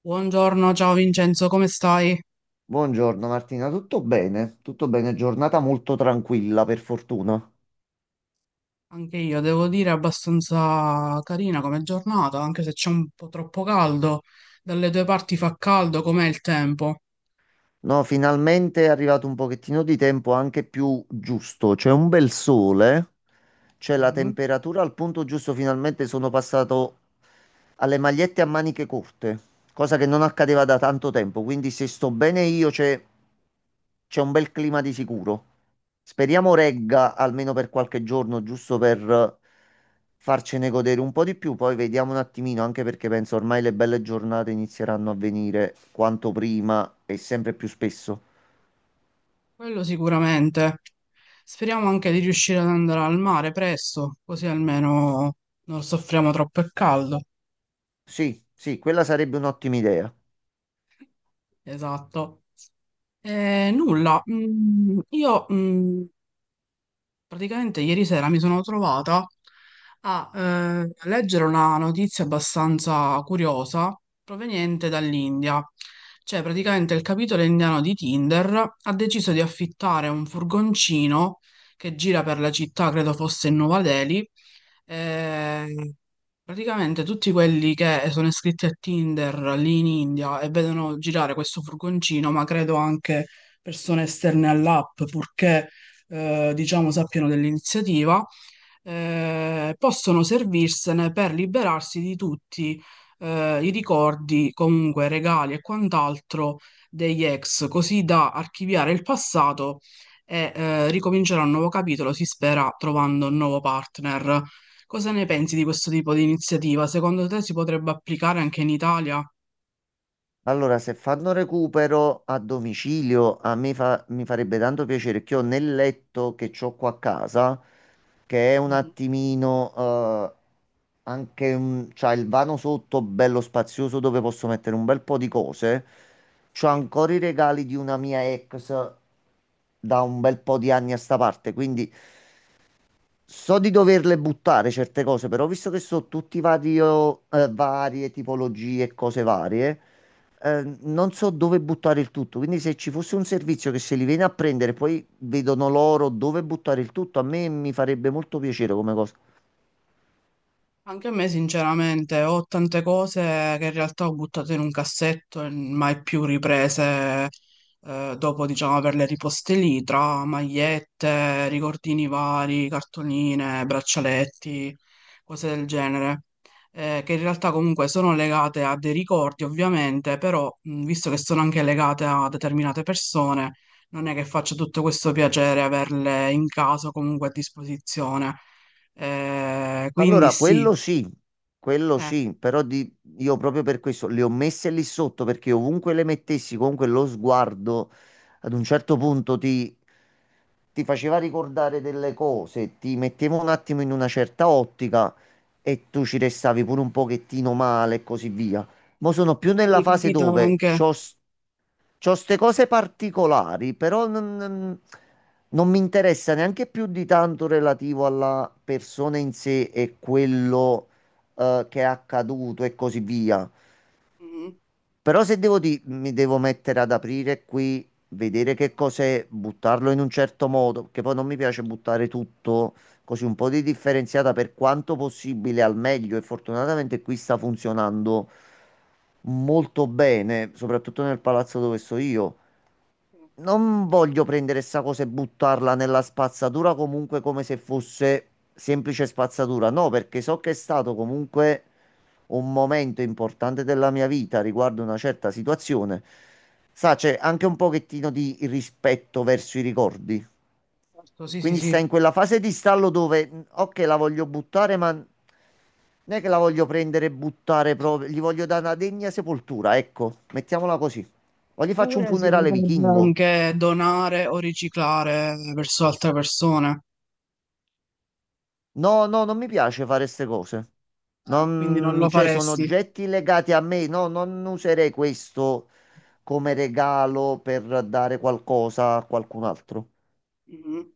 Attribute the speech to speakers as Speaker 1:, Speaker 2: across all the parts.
Speaker 1: Buongiorno, ciao Vincenzo, come stai?
Speaker 2: Buongiorno Martina, tutto bene? Tutto bene, giornata molto tranquilla per fortuna.
Speaker 1: Anche io devo dire abbastanza carina come giornata, anche se c'è un po' troppo caldo. Dalle due parti fa caldo, com'è il tempo?
Speaker 2: No, finalmente è arrivato un pochettino di tempo anche più giusto, c'è un bel sole, c'è la
Speaker 1: Mhm.
Speaker 2: temperatura al punto giusto, finalmente sono passato alle magliette a maniche corte, cosa che non accadeva da tanto tempo. Quindi se sto bene io c'è un bel clima di sicuro. Speriamo regga almeno per qualche giorno, giusto per farcene godere un po' di più. Poi vediamo un attimino, anche perché penso ormai le belle giornate inizieranno a venire quanto prima e sempre più spesso.
Speaker 1: Quello sicuramente. Speriamo anche di riuscire ad andare al mare presto, così almeno non soffriamo troppo il caldo.
Speaker 2: Sì, sì, quella sarebbe un'ottima idea.
Speaker 1: Esatto. Nulla, mm, io mm, Praticamente ieri sera mi sono trovata a leggere una notizia abbastanza curiosa proveniente dall'India. Cioè, praticamente il capitolo indiano di Tinder ha deciso di affittare un furgoncino che gira per la città, credo fosse in Nuova Delhi, e praticamente tutti quelli che sono iscritti a Tinder lì in India e vedono girare questo furgoncino, ma credo anche persone esterne all'app, purché diciamo sappiano dell'iniziativa, possono servirsene per liberarsi di tutti i ricordi, comunque regali e quant'altro degli ex, così da archiviare il passato e ricominciare un nuovo capitolo, si spera, trovando un nuovo partner. Cosa ne pensi di questo tipo di iniziativa? Secondo te si potrebbe applicare anche in Italia?
Speaker 2: Allora, se fanno recupero a domicilio, a me mi farebbe tanto piacere che ho nel letto che ho qua a casa, che è un
Speaker 1: Mhm.
Speaker 2: attimino anche c'ha il vano sotto bello spazioso dove posso mettere un bel po' di cose. C'ho ancora i regali di una mia ex da un bel po' di anni a sta parte, quindi so di doverle buttare certe cose, però visto che so tutti vario, varie tipologie e cose varie, non so dove buttare il tutto. Quindi se ci fosse un servizio che se li viene a prendere, poi vedono loro dove buttare il tutto, a me mi farebbe molto piacere come cosa.
Speaker 1: Anche a me, sinceramente, ho tante cose che in realtà ho buttato in un cassetto e mai più riprese, dopo, diciamo, averle riposte lì, tra magliette, ricordini vari, cartoline, braccialetti, cose del genere, che in realtà comunque sono legate a dei ricordi, ovviamente, però, visto che sono anche legate a determinate persone, non è che faccia tutto questo piacere averle in casa o comunque a disposizione. Quindi
Speaker 2: Allora,
Speaker 1: sì.
Speaker 2: quello
Speaker 1: Eh,
Speaker 2: sì, però. Io proprio per questo le ho messe lì sotto perché ovunque le mettessi, comunque lo sguardo ad un certo punto ti faceva ricordare delle cose, ti metteva un attimo in una certa ottica e tu ci restavi pure un pochettino male e così via. Ma sono più
Speaker 1: quindi
Speaker 2: nella
Speaker 1: ti
Speaker 2: fase
Speaker 1: capito
Speaker 2: dove
Speaker 1: anche.
Speaker 2: c'ho queste cose particolari, però non. Non mi interessa neanche più di tanto relativo alla persona in sé e quello che è accaduto e così via.
Speaker 1: Mhm.
Speaker 2: Però se mi devo mettere ad aprire qui, vedere che cos'è, buttarlo in un certo modo, perché poi non mi piace buttare tutto così. Un po' di differenziata per quanto possibile al meglio e fortunatamente qui sta funzionando molto bene, soprattutto nel palazzo dove sto io. Non voglio prendere sta cosa e buttarla nella spazzatura comunque come se fosse semplice spazzatura. No, perché so che è stato comunque un momento importante della mia vita riguardo una certa situazione. Sa, c'è anche un pochettino di rispetto verso i ricordi.
Speaker 1: Certo, sì, sì,
Speaker 2: Quindi sta
Speaker 1: sì.
Speaker 2: in quella fase di stallo dove, ok, la voglio buttare, ma non è che la voglio prendere e buttare proprio. Gli voglio dare una degna sepoltura, ecco, mettiamola così. O gli faccio un
Speaker 1: Oppure si
Speaker 2: funerale
Speaker 1: potrebbe
Speaker 2: vichingo.
Speaker 1: anche donare o riciclare verso altre persone.
Speaker 2: No, no, non mi piace fare queste cose.
Speaker 1: Ah, quindi non
Speaker 2: Non,
Speaker 1: lo
Speaker 2: cioè, sono
Speaker 1: faresti.
Speaker 2: oggetti legati a me. No, non userei questo come regalo per dare qualcosa a qualcun altro.
Speaker 1: Mhm.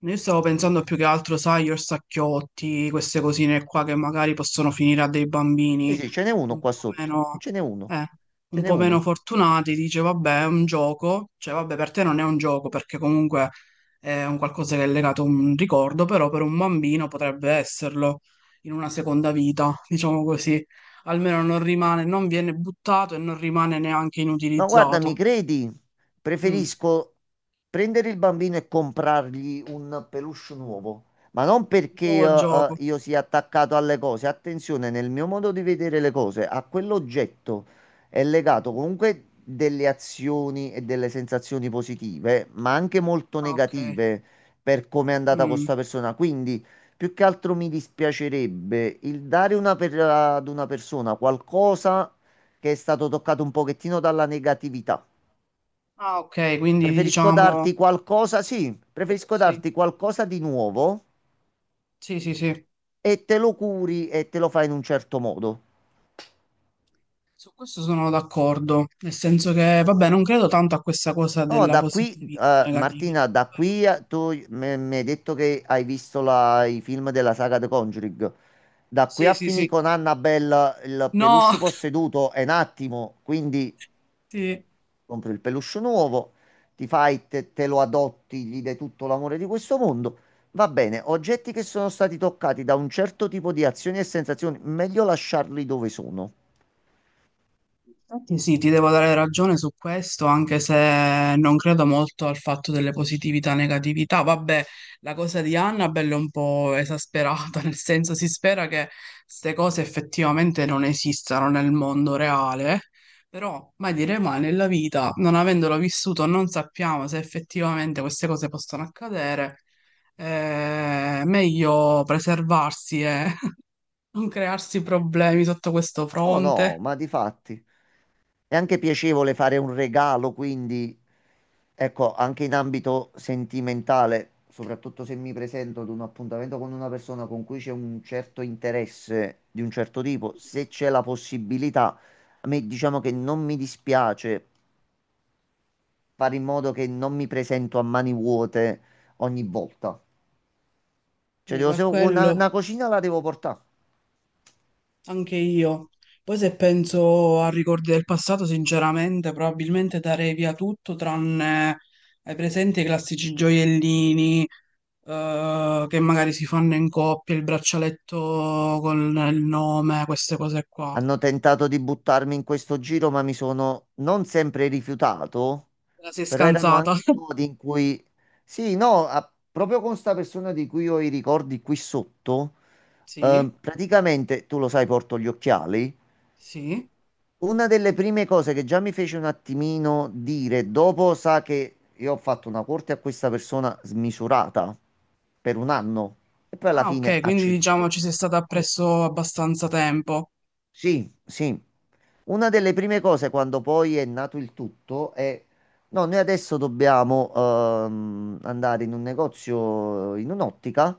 Speaker 1: Io stavo pensando più che altro, sai, io sacchiotti, queste cosine qua che magari possono finire a dei
Speaker 2: Sì,
Speaker 1: bambini
Speaker 2: sì, ce n'è uno
Speaker 1: un
Speaker 2: qua
Speaker 1: po'
Speaker 2: sotto.
Speaker 1: meno,
Speaker 2: Ce n'è uno.
Speaker 1: eh,
Speaker 2: Ce
Speaker 1: un
Speaker 2: n'è
Speaker 1: po' meno
Speaker 2: uno.
Speaker 1: fortunati, dice vabbè è un gioco, cioè vabbè per te non è un gioco perché comunque è un qualcosa che è legato a un ricordo, però per un bambino potrebbe esserlo in una seconda vita, diciamo così, almeno non rimane, non viene buttato e non rimane neanche
Speaker 2: No, guarda, mi
Speaker 1: inutilizzato.
Speaker 2: credi?
Speaker 1: Mm.
Speaker 2: Preferisco prendere il bambino e comprargli un peluche nuovo, ma non
Speaker 1: Un
Speaker 2: perché
Speaker 1: nuovo gioco.
Speaker 2: io sia attaccato alle cose. Attenzione, nel mio modo di vedere le cose, a quell'oggetto è legato comunque delle azioni e delle sensazioni positive, ma anche molto
Speaker 1: Ah, ok.
Speaker 2: negative per come è andata con
Speaker 1: Mm.
Speaker 2: questa persona. Quindi, più che altro mi dispiacerebbe il ad una persona qualcosa che è stato toccato un pochettino dalla negatività.
Speaker 1: Ah, ok, quindi
Speaker 2: Preferisco
Speaker 1: diciamo
Speaker 2: darti qualcosa, sì, preferisco
Speaker 1: sì,
Speaker 2: darti qualcosa di nuovo
Speaker 1: sì, sì, sì,
Speaker 2: e te lo curi e te lo fai in un certo modo.
Speaker 1: su questo sono d'accordo, nel senso che, vabbè, non credo tanto a questa cosa
Speaker 2: No,
Speaker 1: della
Speaker 2: da qui,
Speaker 1: positività, negatività,
Speaker 2: Martina,
Speaker 1: però
Speaker 2: tu mi hai detto che hai visto i film della saga The Conjuring. Da qui
Speaker 1: sì,
Speaker 2: a
Speaker 1: sì,
Speaker 2: finire
Speaker 1: sì,
Speaker 2: con Annabelle il
Speaker 1: no,
Speaker 2: peluche posseduto è un attimo, quindi
Speaker 1: sì.
Speaker 2: compri il peluche nuovo, te lo adotti, gli dai tutto l'amore di questo mondo. Va bene, oggetti che sono stati toccati da un certo tipo di azioni e sensazioni, meglio lasciarli dove sono.
Speaker 1: Infatti sì, ti devo dare ragione su questo, anche se non credo molto al fatto delle positività e negatività. Vabbè, la cosa di Annabelle è un po' esasperata, nel senso si spera che queste cose effettivamente non esistano nel mondo reale, però mai dire mai nella vita, non avendolo vissuto, non sappiamo se effettivamente queste cose possono accadere. È meglio preservarsi e non crearsi problemi sotto questo
Speaker 2: Oh no,
Speaker 1: fronte.
Speaker 2: ma di fatti è anche piacevole fare un regalo, quindi ecco, anche in ambito sentimentale, soprattutto se mi presento ad un appuntamento con una persona con cui c'è un certo interesse di un certo tipo, se c'è la possibilità, a me diciamo che non mi dispiace fare in modo che non mi presento a mani vuote ogni volta. Cioè,
Speaker 1: Quindi
Speaker 2: devo,
Speaker 1: per
Speaker 2: se-
Speaker 1: quello.
Speaker 2: una cucina la devo portare.
Speaker 1: Anche io. Poi se penso a ricordi del passato, sinceramente, probabilmente darei via tutto tranne, hai presente, i classici gioiellini che magari si fanno in coppia, il braccialetto con il nome, queste cose qua.
Speaker 2: Hanno tentato di buttarmi in questo giro, ma mi sono non sempre rifiutato,
Speaker 1: Te la sei
Speaker 2: però erano
Speaker 1: scansata?
Speaker 2: anche modi in cui... Sì, no, proprio con sta persona di cui ho i ricordi qui sotto,
Speaker 1: Sì,
Speaker 2: praticamente, tu lo sai, porto gli occhiali.
Speaker 1: sì.
Speaker 2: Una delle prime cose che già mi fece un attimino dire, dopo sa che io ho fatto una corte a questa persona smisurata per un anno e poi alla
Speaker 1: Ah,
Speaker 2: fine
Speaker 1: ok,
Speaker 2: ha
Speaker 1: quindi diciamo
Speaker 2: ceduto.
Speaker 1: ci sei stata appresso abbastanza tempo.
Speaker 2: Sì, sì. Una delle prime cose quando poi è nato il tutto è no, noi adesso dobbiamo andare in un negozio, in un'ottica,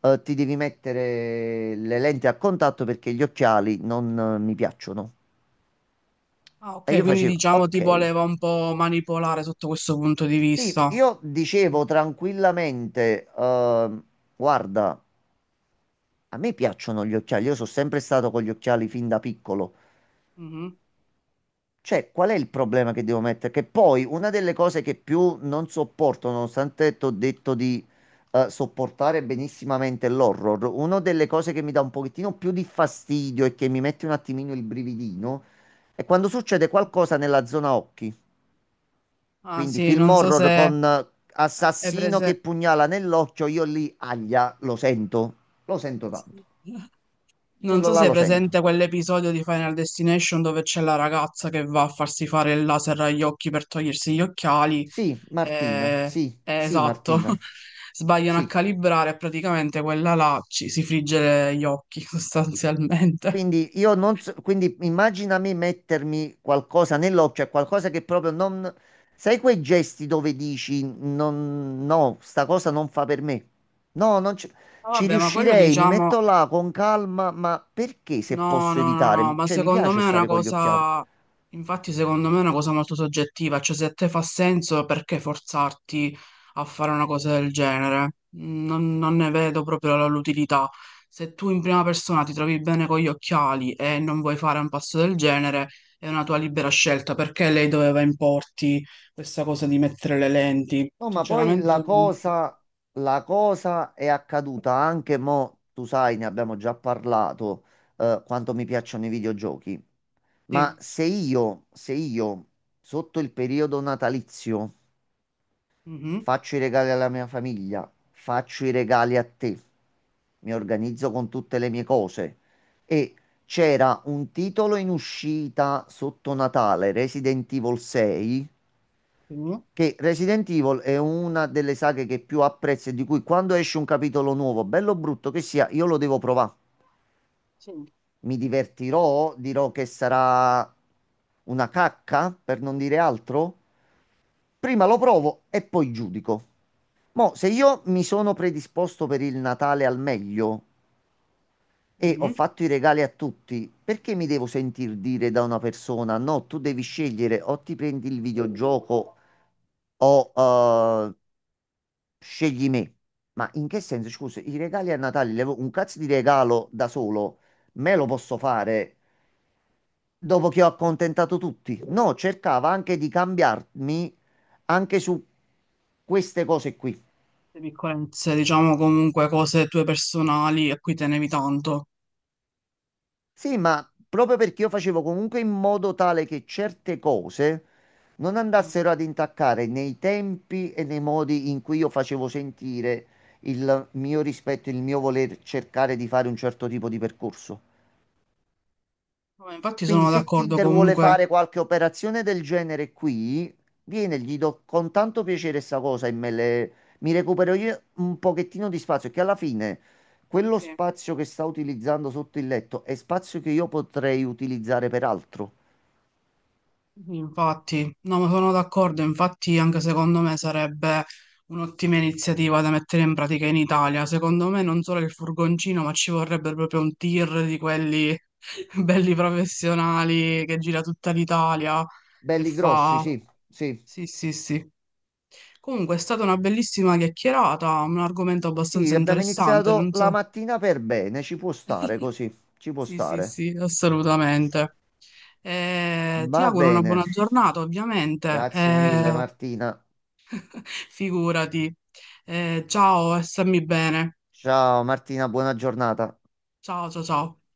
Speaker 2: ti devi mettere le lenti a contatto perché gli occhiali non mi piacciono.
Speaker 1: Ah,
Speaker 2: E
Speaker 1: ok,
Speaker 2: io
Speaker 1: quindi
Speaker 2: facevo,
Speaker 1: diciamo
Speaker 2: ok.
Speaker 1: ti voleva un po' manipolare sotto questo punto di
Speaker 2: Sì,
Speaker 1: vista.
Speaker 2: io
Speaker 1: Mm.
Speaker 2: dicevo tranquillamente, guarda, a me piacciono gli occhiali, io sono sempre stato con gli occhiali fin da piccolo.
Speaker 1: Mhm.
Speaker 2: Cioè, qual è il problema che devo mettere? Che poi una delle cose che più non sopporto, nonostante ti ho detto di sopportare benissimamente l'horror, una delle cose che mi dà un pochettino più di fastidio e che mi mette un attimino il brividino è quando succede qualcosa nella zona occhi.
Speaker 1: Ah
Speaker 2: Quindi
Speaker 1: sì,
Speaker 2: film
Speaker 1: non so
Speaker 2: horror
Speaker 1: se
Speaker 2: con
Speaker 1: È
Speaker 2: assassino che
Speaker 1: prese-
Speaker 2: pugnala nell'occhio, io lì, aglia, lo sento tanto.
Speaker 1: non
Speaker 2: Quello
Speaker 1: so
Speaker 2: là
Speaker 1: se è
Speaker 2: lo sento.
Speaker 1: presente quell'episodio di Final Destination dove c'è la ragazza che va a farsi fare il laser agli occhi per togliersi gli occhiali.
Speaker 2: Sì, Martina,
Speaker 1: eh,
Speaker 2: sì, sì,
Speaker 1: esatto,
Speaker 2: Martina,
Speaker 1: sbagliano a
Speaker 2: sì.
Speaker 1: calibrare e praticamente quella là ci si frigge gli occhi sostanzialmente.
Speaker 2: Quindi io non so, quindi immagina me mettermi qualcosa nell'occhio, qualcosa che proprio non... Sai quei gesti dove dici non, no, sta cosa non fa per me? No, non ci,
Speaker 1: Ma
Speaker 2: ci
Speaker 1: vabbè, ma quello
Speaker 2: riuscirei, mi
Speaker 1: diciamo
Speaker 2: metto là con calma, ma perché se
Speaker 1: no,
Speaker 2: posso
Speaker 1: no, no, no,
Speaker 2: evitare?
Speaker 1: ma
Speaker 2: Cioè, mi
Speaker 1: secondo
Speaker 2: piace
Speaker 1: me è una
Speaker 2: stare con gli occhiali.
Speaker 1: cosa, infatti secondo me è una cosa molto soggettiva, cioè se a te fa senso perché forzarti a fare una cosa del genere? Non, non ne vedo proprio l'utilità. Se tu in prima persona ti trovi bene con gli occhiali e non vuoi fare un passo del genere, è una tua libera scelta, perché lei doveva importi questa cosa di mettere le lenti?
Speaker 2: No, ma poi
Speaker 1: Sinceramente, mm,
Speaker 2: la cosa è accaduta anche mo, tu sai, ne abbiamo già parlato, quanto mi piacciono i videogiochi. Ma
Speaker 1: sì.
Speaker 2: se io, se io, sotto il periodo natalizio,
Speaker 1: Mhm.
Speaker 2: faccio i regali alla mia famiglia, faccio i regali a te, mi organizzo con tutte le mie cose e c'era un titolo in uscita sotto Natale, Resident Evil 6,
Speaker 1: Sì.
Speaker 2: che Resident Evil è una delle saghe che più apprezzo e di cui quando esce un capitolo nuovo, bello o brutto che sia, io lo devo provare.
Speaker 1: Sì.
Speaker 2: Mi divertirò, dirò che sarà una cacca, per non dire altro. Prima lo provo e poi giudico. Mo, se io mi sono predisposto per il Natale al meglio e ho
Speaker 1: Mhm.
Speaker 2: fatto i regali a tutti, perché mi devo sentir dire da una persona, no, tu devi scegliere o ti prendi il videogioco o scegli me. Ma in che senso? Scusa, i regali a Natale, un cazzo di regalo da solo, me lo posso fare dopo che ho accontentato tutti? No, cercava anche di cambiarmi anche su queste cose qui.
Speaker 1: Le piccolezze, diciamo comunque cose tue personali a cui tenevi tanto.
Speaker 2: Sì, ma proprio perché io facevo comunque in modo tale che certe cose non
Speaker 1: Mm.
Speaker 2: andassero ad intaccare nei tempi e nei modi in cui io facevo sentire il mio rispetto, il mio voler cercare di fare un certo tipo di percorso.
Speaker 1: Vabbè, infatti
Speaker 2: Quindi
Speaker 1: sono
Speaker 2: se
Speaker 1: d'accordo
Speaker 2: Tinder vuole
Speaker 1: comunque.
Speaker 2: fare qualche operazione del genere qui, viene, gli do con tanto piacere sta cosa e mi recupero io un pochettino di spazio, che alla fine quello
Speaker 1: Sì.
Speaker 2: spazio che sta utilizzando sotto il letto è spazio che io potrei utilizzare per altro.
Speaker 1: Infatti, no, ma sono d'accordo, infatti anche secondo me sarebbe un'ottima iniziativa da mettere in pratica in Italia. Secondo me non solo il furgoncino, ma ci vorrebbe proprio un tir di quelli belli professionali che gira tutta l'Italia e
Speaker 2: Belli grossi,
Speaker 1: fa...
Speaker 2: sì, sì.
Speaker 1: Sì, sì, sì. Comunque è stata una bellissima chiacchierata, un argomento abbastanza
Speaker 2: Sì, abbiamo
Speaker 1: interessante,
Speaker 2: iniziato
Speaker 1: non
Speaker 2: la
Speaker 1: so.
Speaker 2: mattina per bene, ci può stare così, ci può
Speaker 1: Sì, sì,
Speaker 2: stare.
Speaker 1: sì, assolutamente. Ti
Speaker 2: Va
Speaker 1: auguro una
Speaker 2: bene,
Speaker 1: buona giornata, ovviamente.
Speaker 2: grazie mille Martina.
Speaker 1: Figurati. Ciao e stammi bene.
Speaker 2: Ciao Martina, buona giornata.
Speaker 1: Ciao, ciao, ciao.